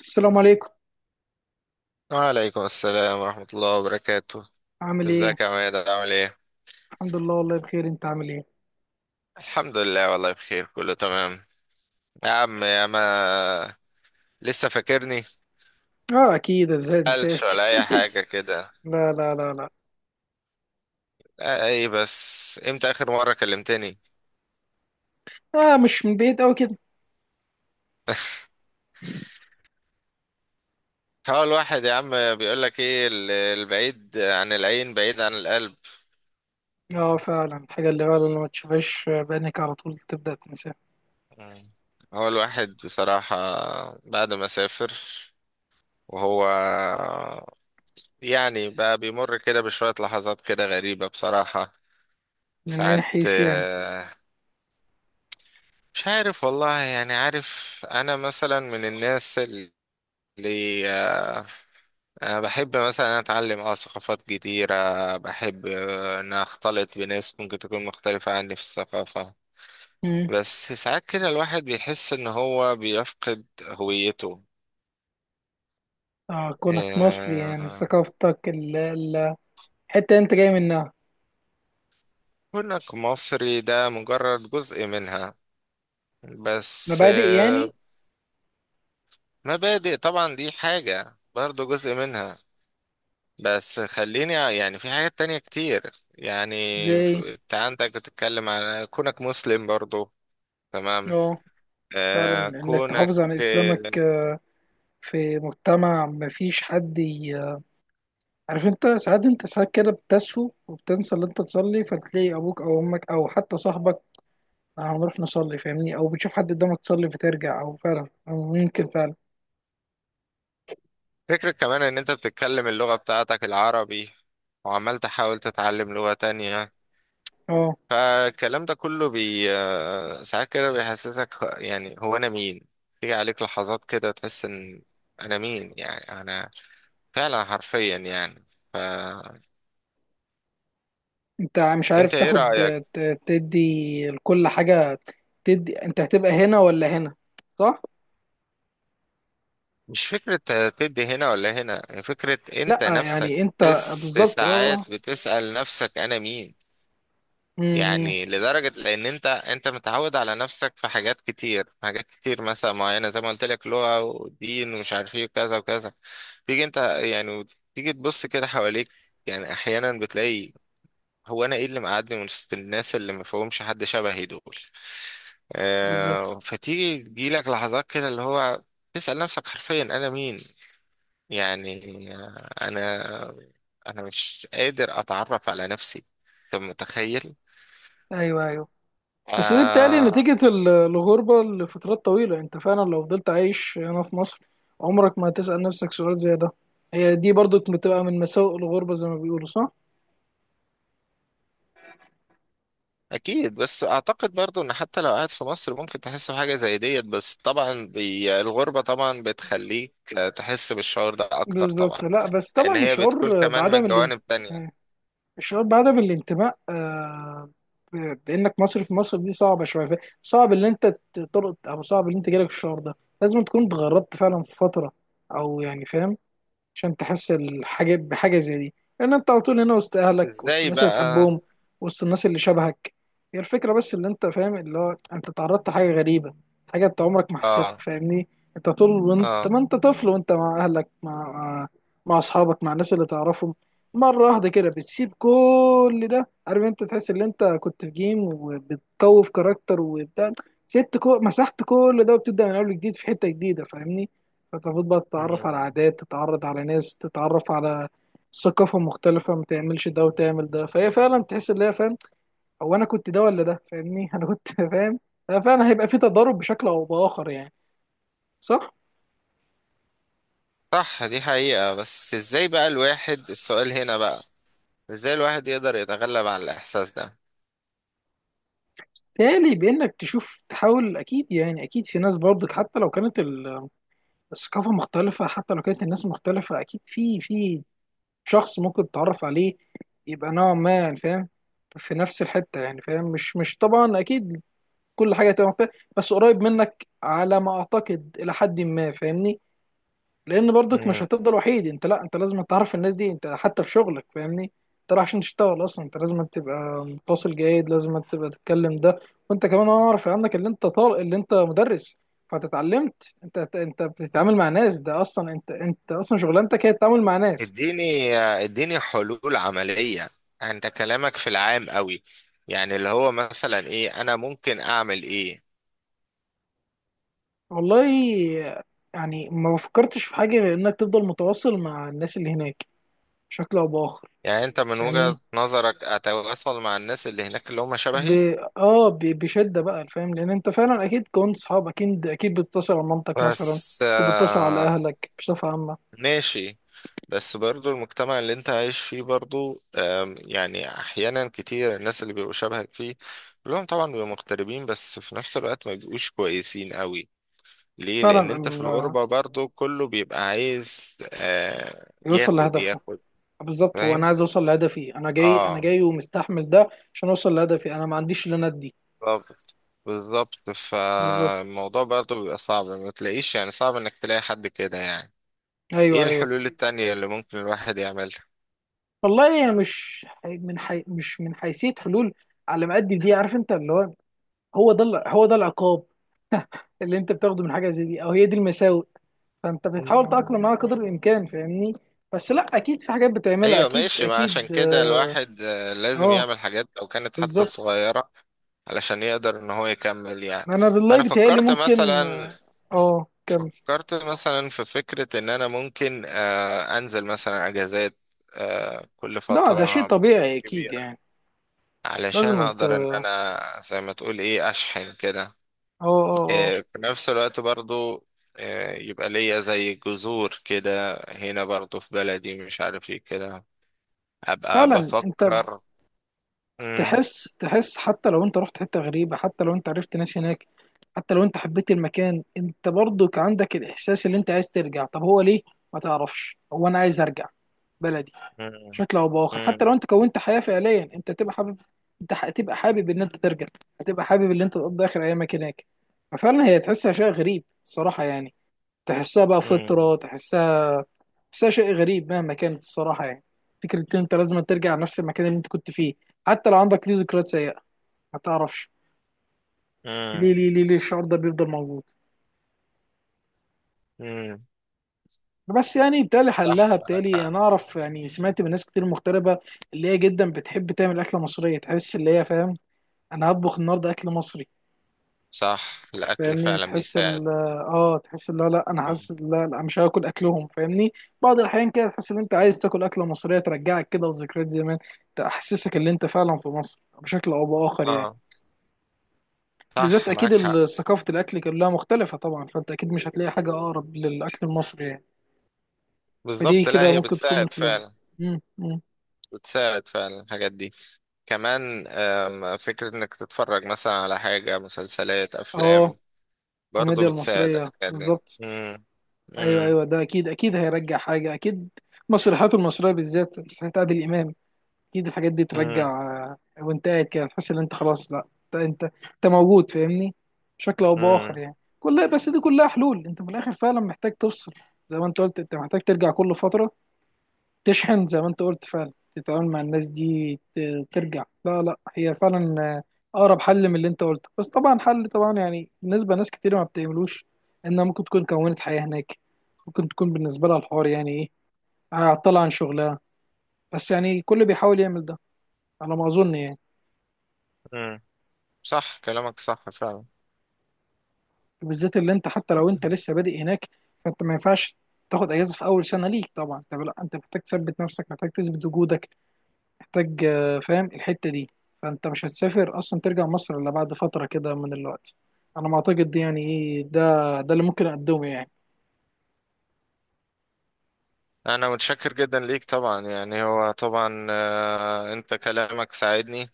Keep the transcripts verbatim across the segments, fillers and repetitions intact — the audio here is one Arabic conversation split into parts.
السلام عليكم. وعليكم السلام ورحمة الله وبركاته. عامل ايه؟ ازيك يا عماد، عامل ايه؟ الحمد لله، والله بخير، انت عامل ايه؟ الحمد لله، والله بخير، كله تمام. يا عم يا ما، لسه فاكرني. اه اكيد، ازاي متسألش انساك. ولا أي حاجة كده. لا لا لا لا لا، ايه بس امتى آخر مرة كلمتني؟ اه مش من بعيد قوي كده. هو الواحد يا عم بيقولك ايه، ال- البعيد عن العين بعيد عن القلب. اه فعلا، الحاجه اللي فعلا لما تشوفهاش بعينك على طول تبدا تنساها. مم. هو الواحد بصراحة بعد ما سافر وهو يعني بقى بيمر كده بشوية لحظات كده غريبة بصراحة. من اي ساعات حيث يعني؟ آه، مش عارف والله. يعني عارف انا مثلا من الناس اللي آه، أنا بحب مثلا اتعلم اه ثقافات جديدة. بحب آه، ان اختلط بناس ممكن تكون مختلفة عني في الثقافة. مم. بس ساعات كده الواحد بيحس ان هو بيفقد هويته. اه، كونك مصري يعني آه، ثقافتك ال- ال- الحته اللي انت جاي منها. كونك مصري ده مجرد جزء منها. بس مبادئ آه، يعني. مبادئ طبعا دي حاجة برضه جزء منها. بس خليني، يعني في حاجات تانية كتير. يعني زي. انت عندك بتتكلم على كونك مسلم برضو، تمام. اه فعلا آه انك كونك تحافظ على اسلامك آه في مجتمع مفيش حد ي- عارف انت، ساعات انت ساعات كده بتسهو وبتنسى اللي انت تصلي، فتلاقي ابوك او امك او حتى صاحبك "آه، هنروح نصلي، فاهمني، او بتشوف حد قدامك تصلي فترجع، او فعلا، أو ممكن فعلا. فكرة كمان ان انت بتتكلم اللغة بتاعتك العربي وعمال تحاول تتعلم لغة تانية. اه فالكلام ده كله بي آه، ساعات كده بيحسسك، يعني هو انا مين؟ تيجي عليك لحظات كده تحس ان انا مين، يعني انا فعلا حرفيا يعني. فانت، انت مش عارف ايه تاخد، رأيك؟ ت- تدي لكل حاجة. تدي، انت هتبقى هنا ولا هنا؟ صح؟ مش فكرة تدي هنا ولا هنا. هي فكرة لا انت يعني نفسك انت، بتحس بالظبط اه. ساعات بتسأل نفسك انا مين. أمم، يعني لدرجة لان انت انت متعود على نفسك في حاجات كتير، حاجات كتير مثلا معينة، زي ما قلت لك لغة ودين ومش عارف ايه وكذا وكذا. تيجي انت يعني تيجي تبص كده حواليك. يعني احيانا بتلاقي، هو انا ايه اللي مقعدني من وسط الناس اللي ما فيهمش حد شبهي دول؟ بالظبط. آه، فتيجي تجيلك لحظات كده اللي هو تسأل نفسك حرفيا أنا مين. يعني انا انا مش قادر اتعرف على نفسي. انت متخيل؟ ايوه ايوه. بس دي بتقلي آه. نتيجة ال- الغربة لفترات طويلة. انت فعلا لو فضلت عايش هنا في مصر، عمرك ما هتسأل نفسك سؤال زي ده. هي دي برضو بتبقى من مساوئ الغربة، زي ما بيقولوا، صح؟ اكيد. بس اعتقد برضو ان حتى لو قاعد في مصر ممكن تحس بحاجه زي ديت. بس طبعا بي الغربه طبعا بتخليك تحس بالشعور ده اكتر بالظبط. طبعا. لا بس لان طبعا هي بتكون الشعور كمان من بعدم الان- جوانب تانية. الشعور بعدم الانتماء، آه، ب- بانك مصري في مصر دي صعبه شويه، ف- صعب ان انت تطلق، او صعب ان انت جالك الشعور ده. لازم تكون اتغربت فعلا في فتره، او يعني فاهم، عشان تحس الحاجة بحاجة زي دي. لأن أنت على طول هنا وسط أهلك، وسط ازاي الناس اللي بقى؟ بتحبهم، وسط الناس اللي شبهك. هي الفكرة بس، اللي أنت فاهم، اللي هو أنت تعرضت لحاجة غريبة، حاجة أنت عمرك ما حسيتها، اه، فاهمني. أنت طول، وأنت اه. ما أنت طفل، وأنت مع أهلك، مع مع مع أصحابك، مع الناس اللي تعرفهم. مرة واحدة كده بتسيب كل ده، عارف أنت، تحس إن أنت كنت في جيم وبتقوي في كاركتر وبتاع، سبت كو... مسحت كل ده، وبتبدأ من أول جديد في حتة جديدة، فاهمني. فتفوت بقى تتعرف على مم. عادات، تتعرض على ناس، تتعرف على ثقافة مختلفة، ما تعملش ده وتعمل ده. فهي فعلا تحس ان هي فاهم، هو انا كنت ده ولا ده؟ فاهمني. انا كنت فاهم. آه، فعلا هيبقى في تضارب بشكل او باخر يعني. صح. صح، دي حقيقه. بس ازاي بقى الواحد، السؤال هنا بقى، ازاي الواحد يقدر يتغلب على الاحساس تالي بانك تشوف، تحاول. اكيد يعني اكيد في ناس برضك حتى لو كانت ال- الثقافة مختلفة، حتى لو كانت الناس مختلفة، اكيد في، في شخص ممكن تتعرف عليه، يبقى نوعا ما يعني فاهم في نفس الحتة، يعني فاهم. مش مش طبعا، أكيد كل حاجه هتبقى مختلفه، بس قريب منك على ما اعتقد، الى حد ما، فاهمني. لان برضك مش ده؟ هتفضل وحيد، انت لا، انت لازم تعرف الناس دي، انت حتى في شغلك، فاهمني. انت رايح عشان تشتغل اصلا، انت لازم تبقى متواصل جيد، لازم تبقى تتكلم ده. وانت كمان انا اعرف عنك اللي انت طالق اللي انت مدرس، فانت اتعلمت، انت انت بتتعامل مع ناس، ده اصلا انت انت اصلا شغلانتك هي التعامل مع ناس. اديني اديني حلول عملية. انت كلامك في العام قوي. يعني اللي هو مثلا ايه، انا ممكن اعمل ايه؟ والله يعني، ما فكرتش في حاجه غير انك تفضل متواصل مع الناس اللي هناك، بشكل او باخر. يعني انت من فاهمني وجهة نظرك اتواصل مع الناس اللي هناك اللي هم ب... شبهي؟ اه ب... بشده بقى، فاهم، لان انت فعلا اكيد كنت صحاب، اكيد اكيد بتتصل على مامتك مثلا، بس وبتتصل على آه اهلك بصفه عامه. ماشي. بس برضو المجتمع اللي انت عايش فيه برضو، آم، يعني احيانا كتير الناس اللي بيبقوا شبهك فيه كلهم طبعا بيبقوا مغتربين، بس في نفس الوقت ما بيبقوش كويسين قوي. ليه؟ لان فعلا انت في ال... الغربة برضو كله بيبقى عايز آه يوصل ياخد لهدفه. ياخد. بالظبط، هو انا فاهم. عايز اوصل لهدفي، انا جاي، انا اه. جاي ومستحمل ده عشان اوصل لهدفي. انا ما عنديش اللي انا ادي. بالظبط، بالظبط. بالظبط. فالموضوع برضو بيبقى صعب. ما تلاقيش، يعني صعب انك تلاقي حد كده يعني. ايه ايوه ايوه. الحلول التانية اللي ممكن الواحد يعملها؟ والله هي مش حي- من حي... مش من حيثيه حلول، على ما قد دي عارف انت، اللي هو هو ده ال- هو ده العقاب اللي انت بتاخده من حاجه زي دي، او هي دي المساوئ. فانت مم. بتحاول تتأقلم معاها قدر الامكان، فاهمني. بس لا، اكيد في حاجات بتعملها، ايوه، اكيد ماشي. ما عشان اكيد كده اه. الواحد آه، لازم آه، يعمل حاجات لو كانت حتى بالظبط. صغيرة علشان يقدر ان هو يكمل يعني. انا بالله انا بيتهيألي فكرت ممكن مثلا، اه. آه، كمل. فكرت مثلا في فكرة ان انا ممكن آه، انزل مثلا اجازات آه، كل لا ده شيء فترة طبيعي اكيد كبيرة يعني. علشان لازم انت، اقدر ان اه انا زي ما تقول ايه اشحن كده. اه اه. آه، في نفس الوقت برضو آه، يبقى ليا زي جذور كده هنا برضو في بلدي، مش عارف ايه كده. ابقى فعلا انت بفكر. مم، تحس، تحس حتى لو انت رحت حتة غريبة، حتى لو انت عرفت ناس هناك، حتى لو انت حبيت المكان، انت برضك عندك الاحساس اللي انت عايز ترجع. طب هو ليه، ما تعرفش هو انا عايز ارجع بلدي. مم، بشكل او باخر حتى مم، لو انت كونت حياه فعليا انت تبقى حابب، انت هتبقى حابب ان انت ترجع، هتبقى حابب ان انت تقضي اخر ايامك هناك. ففعلا هي تحسها شيء غريب الصراحه يعني، تحسها بقى مم، فطره، تحسها، تحسها شيء غريب مهما كانت الصراحه يعني، فكره ان انت لازم ترجع لنفس المكان اللي انت كنت فيه، حتى لو عندك ليه ذكريات سيئه، ما تعرفش مم، ليه، ليه ليه ليه الشعور ده بيفضل موجود. مم. بس يعني بالتالي صح، حلها، معاك بالتالي حق. انا اعرف، يعني سمعت من ناس كتير مغتربه، اللي هي جدا بتحب تعمل اكله مصريه، تحس اللي هي فاهم، انا هطبخ النهارده اكل مصري. صح، الاكل فاهمني فعلا تحس بيساعد. ال، اه تحس، لا لا انا مم. حاسس، لا لا مش هاكل اكلهم، فاهمني. بعض الاحيان كده تحس ان انت عايز تاكل اكله مصريه ترجعك كده لذكريات زمان، تحسسك ان انت فعلا في مصر بشكل او باخر يعني. اه، بالذات صح اكيد معاك حق. ال- ثقافه الاكل كلها مختلفه طبعا، فانت اكيد مش هتلاقي حاجه اقرب للاكل المصري يعني. فدي بالظبط، لا كده هي ممكن تكون من بتساعد حلولي. فعلا. مم، مم. بتساعد فعلا الحاجات دي. كمان آم، فكرة انك تتفرج مثلا على حاجة، مسلسلات، اه، افلام، برضو الكوميديا بتساعد المصريه الحاجات دي. بالظبط. مم. ايوه مم. ايوه، ده اكيد اكيد هيرجع حاجه اكيد. مسرحياته المصريه، بالذات مسرحيات عادل امام، اكيد الحاجات دي مم. ترجع. آه، وانت قاعد كده تحس ان انت خلاص لا، انت انت انت موجود، فاهمني، بشكل او باخر مم. يعني. كلها، بس دي كلها حلول. انت في الاخر فعلا محتاج تفصل، زي ما انت قلت، انت محتاج ترجع كل فتره، تشحن زي ما انت قلت، فعلا تتعامل مع الناس دي، ت- ترجع. لا لا، هي فعلا آه، اقرب حل من اللي انت قلته، بس طبعا حل، طبعا يعني بالنسبه لناس كتير ما بتعملوش، انها ممكن تكون كونت حياه هناك، ممكن تكون بالنسبه لها الحوار يعني ايه، هتطلع عن شغلها. بس يعني كل بيحاول يعمل ده، على ما اظن يعني. مم. صح، كلامك صح فعلا. بالذات اللي انت، حتى لو انت لسه بادئ هناك، فانت ما ينفعش تاخد اجازه في اول سنه ليك طبعا. انت لا، انت محتاج تثبت نفسك، محتاج تثبت وجودك، محتاج آه، فاهم الحته دي، فانت مش هتسافر اصلا ترجع مصر الا بعد فتره كده من الوقت. انا ما اعتقد دي، يعني ايه، ده ده اللي ممكن اقدمه يعني. انا متشكر جدا ليك طبعا. يعني هو طبعا آه، انت كلامك ساعدني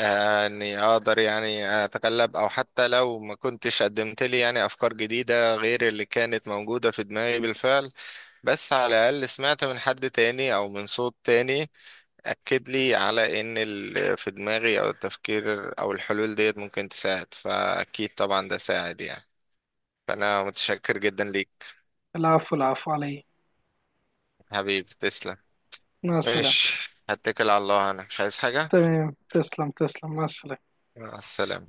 آه، اني اقدر يعني اتغلب. او حتى لو ما كنتش قدمت لي يعني افكار جديدة غير اللي كانت موجودة في دماغي بالفعل، بس على الأقل سمعت من حد تاني أو من صوت تاني أكد لي على إن اللي في دماغي أو التفكير أو الحلول ديت ممكن تساعد. فأكيد طبعا ده ساعد يعني. فأنا متشكر جدا ليك. العفو العفو علي. حبيبي تسلم. مع السلامه. ماشي، هتكل على الله، أنا مش عايز حاجة. تمام، تسلم تسلم مع السلامه. مع السلامة.